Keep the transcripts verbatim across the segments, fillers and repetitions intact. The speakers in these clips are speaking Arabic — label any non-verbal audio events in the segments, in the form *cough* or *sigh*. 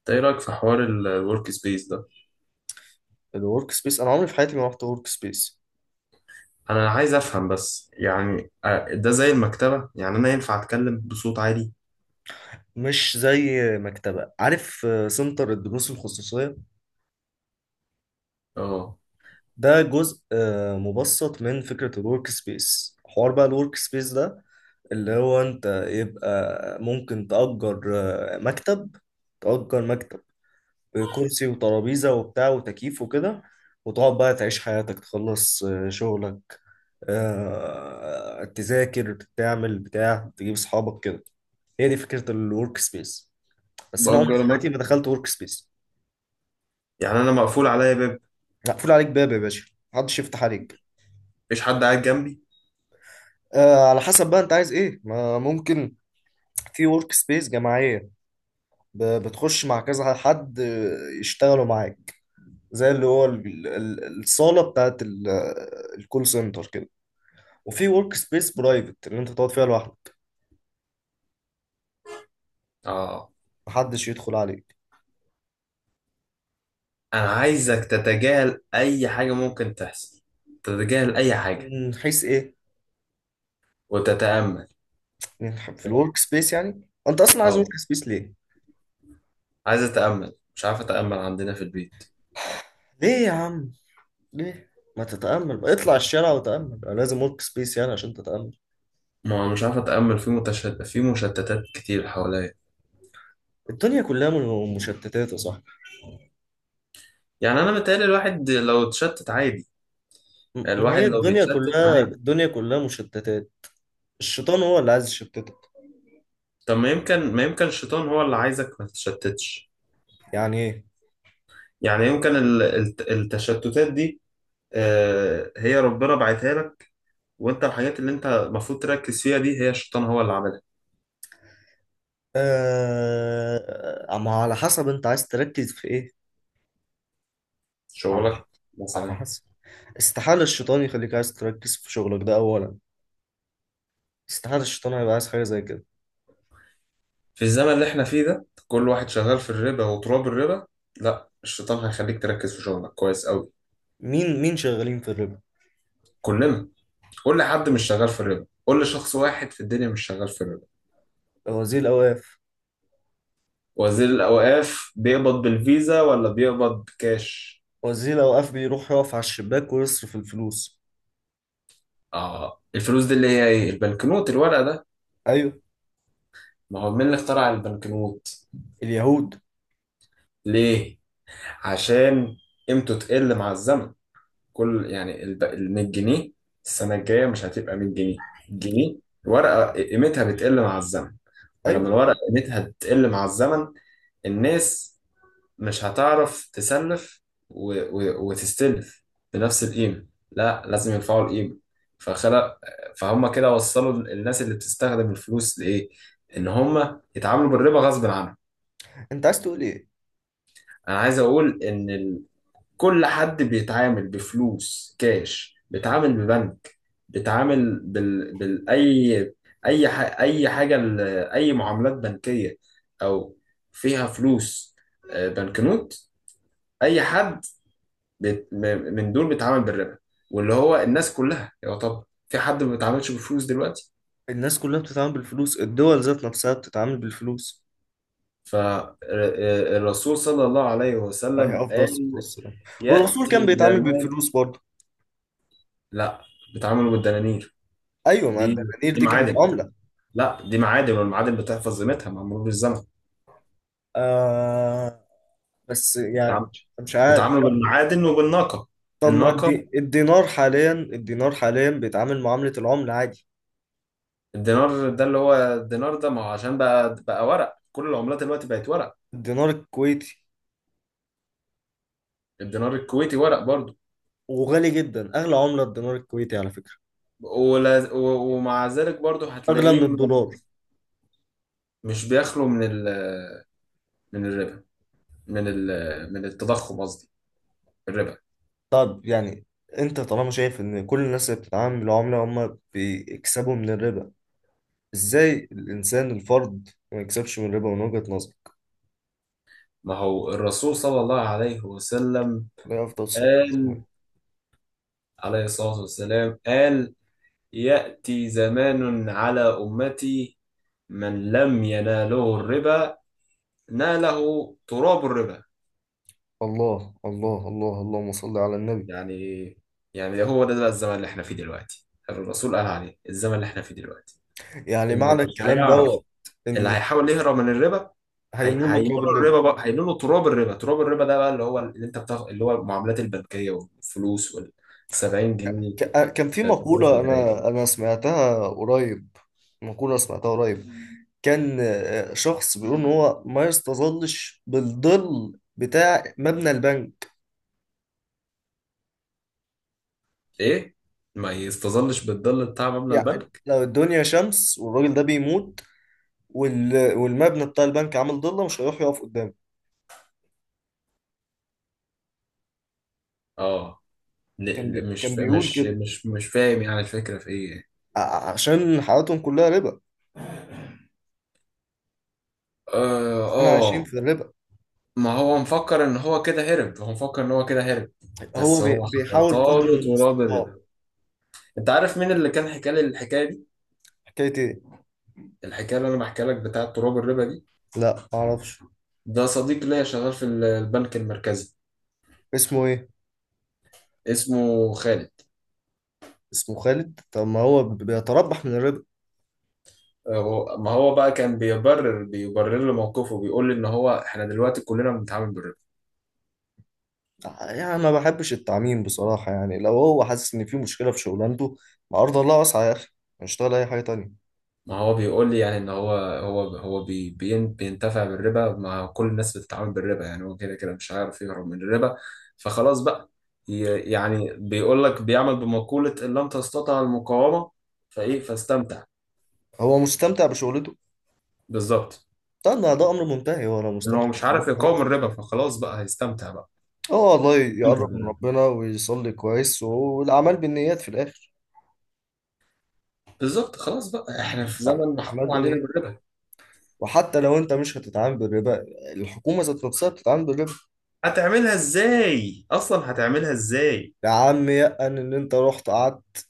إنت ايه رأيك في حوار الورك سبيس ده؟ الورك سبيس انا عمري في حياتي ما رحت ورك سبيس. انا عايز افهم، بس يعني آه، ده زي المكتبة. يعني انا ينفع اتكلم بصوت عالي؟ مش زي مكتبه، عارف، آه، سنتر الدروس الخصوصيه اه، ده جزء آه، مبسط من فكره الورك سبيس. حوار بقى الورك سبيس ده اللي هو انت يبقى ممكن تأجر آه، مكتب. تأجر مكتب، آه، كرسي وترابيزة وبتاع وتكييف وكده، وتقعد بقى تعيش حياتك، تخلص آه، شغلك، آه، تذاكر، تعمل بتاع، تجيب صحابك كده. هي دي فكرة الورك سبيس، بس انا عمري في بأجر حياتي مكتب؟ ما دخلت ورك سبيس. يعني انا مقفول عليا باب، مقفول عليك باب يا باشا، محدش يفتح عليك. مفيش حد قاعد جنبي؟ آه، على حسب بقى انت عايز ايه، ما ممكن في ورك سبيس جماعيه، ب- بتخش مع كذا حد آه، يشتغلوا معاك، زي اللي هو ال- ال- ال- الصاله بتاعت ال- آه، الكول سنتر كده. وفي ورك سبيس برايفت اللي انت تقعد فيها لوحدك، اه. محدش يدخل عليك. انا عايزك تتجاهل اي حاجة ممكن تحصل، تتجاهل اي حاجة من حيث ايه؟ وتتأمل. من ح- في الورك سبيس يعني، انت اصلا عايز اه، ورك سبيس ليه؟ عايز اتأمل، مش عارف اتأمل عندنا في البيت. *sighs* ليه يا عم؟ ليه؟ ما تتأمل بقى. اطلع الشارع وتأمل، أنا لازم ورك سبيس يعني عشان تتأمل؟ ما انا مش عارف اتأمل، في متشتت، في مشتتات كتير حواليا. الدنيا كلها م- مشتتات يا صاحبي. يعني انا متهيألي الواحد لو اتشتت عادي، يعني م- ما الواحد هي لو الدنيا بيتشتت كلها، عادي. الدنيا كلها مشتتات. الشيطان هو اللي عايز يشتتك. طب ما يمكن ما يمكن الشيطان هو اللي عايزك ما تتشتتش. يعني ايه؟ يعني يمكن ال- الت- التشتتات دي آه، هي ربنا بعتها لك، وانت الحاجات اللي انت المفروض تركز فيها دي هي الشيطان هو اللي عملها. آه... ما على حسب انت عايز تركز في ايه. على ح- شغلك على مثلا. حسب. استحالة الشيطان يخليك عايز تركز في شغلك ده أولا، استحالة الشيطان هيبقى عايز حاجة زي كده. في الزمن اللي احنا فيه ده كل واحد شغال في الربا وتراب الربا، لا، الشيطان هيخليك تركز في شغلك كويس قوي. مين، مين شغالين في الربا؟ كلنا. قول لي حد مش شغال في الربا، قول لي شخص واحد في الدنيا مش شغال في الربا. وزير الأوقاف. وزير الأوقاف بيقبض بالفيزا ولا بيقبض كاش؟ وزير الأوقاف بيروح يقف على الشباك ويصرف الفلوس. اه، الفلوس دي اللي هي ايه؟ البنكنوت، الورق ده. أيوه. ما هو مين اللي اخترع البنكنوت؟ اليهود. ليه؟ عشان قيمته تقل مع الزمن. كل، يعني، الب- ال مية جنيه السنه الجايه مش هتبقى مية جنيه، جنيه. الورقه قيمتها بتقل مع الزمن، فلما ايوه الورقه اكيد. قيمتها تقل مع الزمن، الناس مش هتعرف تسلف و... و... وتستلف بنفس القيمة. لا، لازم يرفعوا القيمة. فخلق، فهم كده وصلوا الناس اللي بتستخدم الفلوس لإيه؟ إن هم يتعاملوا بالربا غصب عنهم. انت عايز تقول ايه؟ أنا عايز أقول إن ال... كل حد بيتعامل بفلوس كاش بيتعامل ببنك، بيتعامل بال... بال... أي، أي ح... أي حاجة ل... أي معاملات بنكية، أو فيها فلوس، آه، بنكنوت. أي حد بيت- م- من دول بيتعامل بالربا. واللي هو الناس كلها، يعتبر في حد ما بيتعاملش بالفلوس دلوقتي؟ الناس كلها بتتعامل بالفلوس، الدول ذات نفسها بتتعامل بالفلوس. فالرسول صلى الله عليه وسلم هي افضل قال الصوت ده. والرسول كان يأتي بيتعامل زمان. بالفلوس برضه. لا، بيتعاملوا بالدنانير. ايوه، ما دي الدنانير دي دي كانت معادن. عملة. لا، دي معادن، والمعادن بتحفظ قيمتها مع مرور الزمن. آه، بس يعني بيتعام- مش عارف، بيتعاملوا لا. بالمعادن وبالناقة، طب ما الناقة. الدي... الدينار حاليا، الدينار حاليا بيتعامل معاملة العملة عادي. الدينار ده، اللي هو الدينار ده، ما هو عشان بقى بقى ورق، كل العملات دلوقتي بقت ورق. الدينار الكويتي. الدينار الكويتي ورق برضه. وغالي جدا، اغلى عملة الدينار الكويتي على فكرة. ولا- و- ومع ذلك برضه اغلى هتلاقيه من الدولار. مش بيخلو من ال، من الربا، من ال، من التضخم، قصدي الربا. طب يعني انت طالما شايف ان كل الناس اللي بتتعامل بالعملة هم بيكسبوا من الربا، ازاي الانسان الفرد ما يكسبش من الربا من وجهة نظرك؟ ما هو الرسول صلى الله عليه وسلم عليه افضل الصلاه والسلام. قال، عليه الصلاة والسلام، قال: يأتي زمان على أمتي من لم يناله الربا ناله تراب الربا. الله الله الله، اللهم صل على النبي. يعني، يعني ده هو ده بقى الزمن اللي احنا فيه دلوقتي، الرسول قال عليه الزمن اللي احنا فيه دلوقتي. يعني اللي معنى مش الكلام هيعرف، دوت اللي ان هيحاول يهرب من الربا، هي- هينول له تراب هينولوا الربا. الربا بقى، هينولوا تراب الربا. تراب الربا ده بقى اللي هو، اللي انت بتاخد، اللي هو المعاملات البنكيه والفلوس وال سبعين جنيه ك- آه، كان في آه، مصاريف مقوله اداريه. انا انا سمعتها قريب، مقوله سمعتها قريب. كان آه، شخص بيقول ان هو ما يستظلش بالظل بتاع مبنى البنك. ايه؟ ما يستظلش بالظل بتاع مبلغ يعني البنك. لو الدنيا شمس والراجل ده بيموت، وال- والمبنى بتاع البنك عامل ضلة، مش هيروح يقف قدامه. اه، كان ل- بي... ل- كان مش بيقول مش كده، مش مش فاهم، يعني الفكره في ايه. ع- عشان حياتهم كلها ربا. اه احنا اه عايشين آه، في الربا. ما هو مفكر ان هو كده هرب، هو مفكر ان هو كده هرب، هو بس بي- هو بيحاول قدر حيطاله تراب الربا. المستطاع. انت عارف مين اللي كان حكى لي الحكايه دي، حكاية ايه؟ الحكايه اللي انا بحكي لك بتاعه تراب الربا دي؟ لا، معرفش. ده صديق ليا شغال في ال- البنك المركزي. اسمه ايه؟ اسمه خالد. اسمه خالد؟ طب ما هو ب- بيتربح من الربا. هو- ما هو بقى كان بيبرر بيبرر لي موقفه، بيقول لي ان هو احنا دلوقتي كلنا بنتعامل بالربا. ع- يعني ما بحبش التعميم بصراحة. يعني لو هو حاسس ان في مشكلة في شغلانته، ما ارض الله واسعة يا اخي، ما يشتغل اي حاجة تانية. ما هو بيقول لي، يعني، ان هو هو هو بي بين- بينتفع بالربا. ما كل الناس بتتعامل بالربا، يعني هو كده كده مش هيعرف يهرب من الربا. فخلاص بقى، ي- يعني بيقول لك بيعمل بمقولة ان لم تستطع المقاومة فايه فاستمتع. هو مستمتع بشغلته. بالظبط. استنى، ده امر منتهي، هو لو انه مستمتع مش بشغلته عارف يقاوم خلاص. الربا، فخلاص بقى هيستمتع بقى. اه والله، استمتع يقرب من بالربا. ربنا ويصلي كويس، والاعمال بالنيات في الاخر. بالظبط. خلاص بقى احنا في زمن اعمال محكوم علينا بالنيات. بالربا. وحتى لو انت مش هتتعامل بالربا، الحكومه ذات نفسها بتتعامل بالربا. هتعملها ازاي اصلا؟ هتعملها ازاي؟ يا عم يأن ان انت رحت قعدت،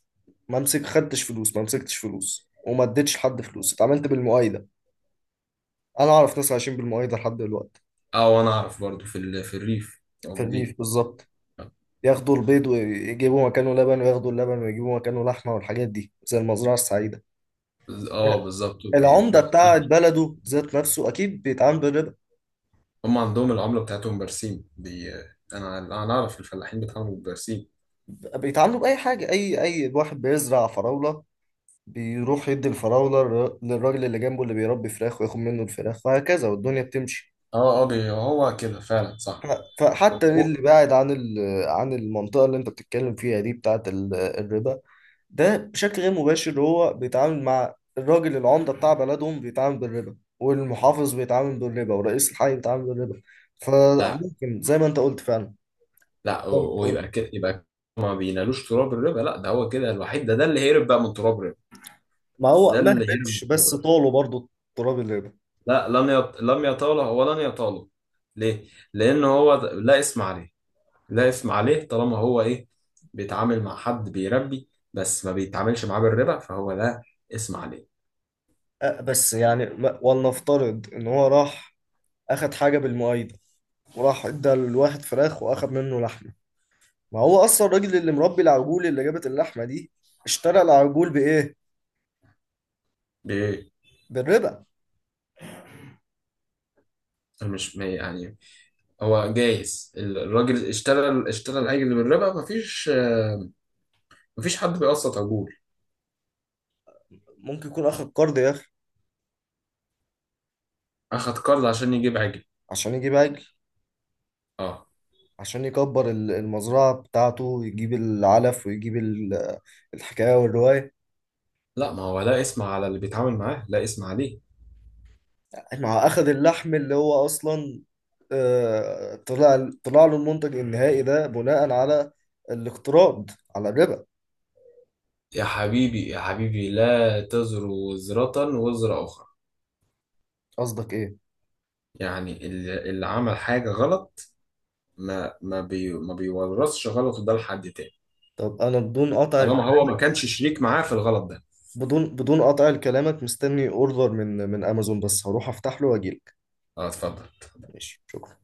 ما مسك خدتش فلوس، ما مسكتش فلوس وما اديتش لحد فلوس، اتعاملت بالمؤايده. انا اعرف ناس عايشين بالمؤايده لحد دلوقتي. اه، وانا اعرف برضو في ال... في الريف في موجودين. الريف بالظبط. ياخدوا البيض ويجيبوا مكانه لبن، وياخدوا اللبن ويجيبوا مكانه لحمه، والحاجات دي زي المزرعه السعيده. اه، بالظبط. وب- العمده بتاعت برسيم. بلده ذات نفسه اكيد بيتعامل بالربا. هم عندهم العملة بتاعتهم برسيم، بي... انا انا اعرف الفلاحين بيتعاملوا بالبرسيم. بيتعاملوا باي حاجه. اي اي واحد بيزرع فراوله، بيروح يدي الفراولة للر- للراجل اللي جنبه اللي بيربي فراخ وياخد منه الفراخ، وهكذا والدنيا بتمشي. اه اه بي... هو كده فعلا صح. ح- أو- فحتى أو- اللي بعد عن ال- عن المنطقة اللي انت بتتكلم فيها دي بتاعة ال- الربا، ده بشكل غير مباشر هو بيتعامل مع الراجل. العمدة بتاع بلدهم بيتعامل بالربا، والمحافظ بيتعامل بالربا، ورئيس الحي بيتعامل بالربا. لا، فممكن زي ما انت قلت فعلا، لا، أو- زي ما انت قلت، ويبقى كده، يبقى ما بينالوش تراب الربا. لا، ده هو كده الوحيد، ده ده اللي هيهرب بقى من تراب الربا، ما هو ده ما اللي هيهرب من هبش تراب بس الربا. طاله برضه تراب الربا. لا، لم يط... لم يطاله ولن يطاله. ليه؟ لأن هو د- لا اسم عليه، لا اسم عليه. طالما هو إيه؟ بيتعامل مع حد بيربي، بس ما بيتعاملش معاه بالربا، فهو لا اسم عليه. أه، بس يعني ما- ولنفترض ان هو راح اخد حاجة بالمؤيد، وراح ادى الواحد فراخ واخد منه لحمه. ما هو اصلا الراجل اللي مربي العجول اللي جابت اللحمه دي اشترى العجول بايه؟ بي... بالربا. مش ما يعني، هو جايز الراجل اشترى، اشترى العجل بالربا. مفيش، مفيش حد بيقسط عجول. ممكن يكون اخد قرض يا اخي أخد قرض عشان يجيب عجل؟ عشان يجيب عجل، اه. عشان يكبر ال- المزرعه بتاعته، يجيب العلف ويجيب ال- الحكايه والروايه. لا، ما هو لا اسم على اللي بيتعامل معاه، لا اسم عليه. مع اخد اللحم اللي هو اصلا آه، طلع، طلع له المنتج النهائي ده بناء على الاقتراض، على الربا. يا حبيبي، يا حبيبي، لا تزر وزرة وزر أخرى. قصدك ايه؟ يعني اللي اللي عمل حاجة غلط، ما ما بي ما بيورثش غلطه ده لحد تاني، طب انا بدون قطع، طالما هو ما كانش شريك معاه في الغلط ده. بدون، بدون قطع كلامك، مستني اوردر من من امازون، بس هروح افتح له واجيلك. اه، اتفضل. ماشي، شكرا.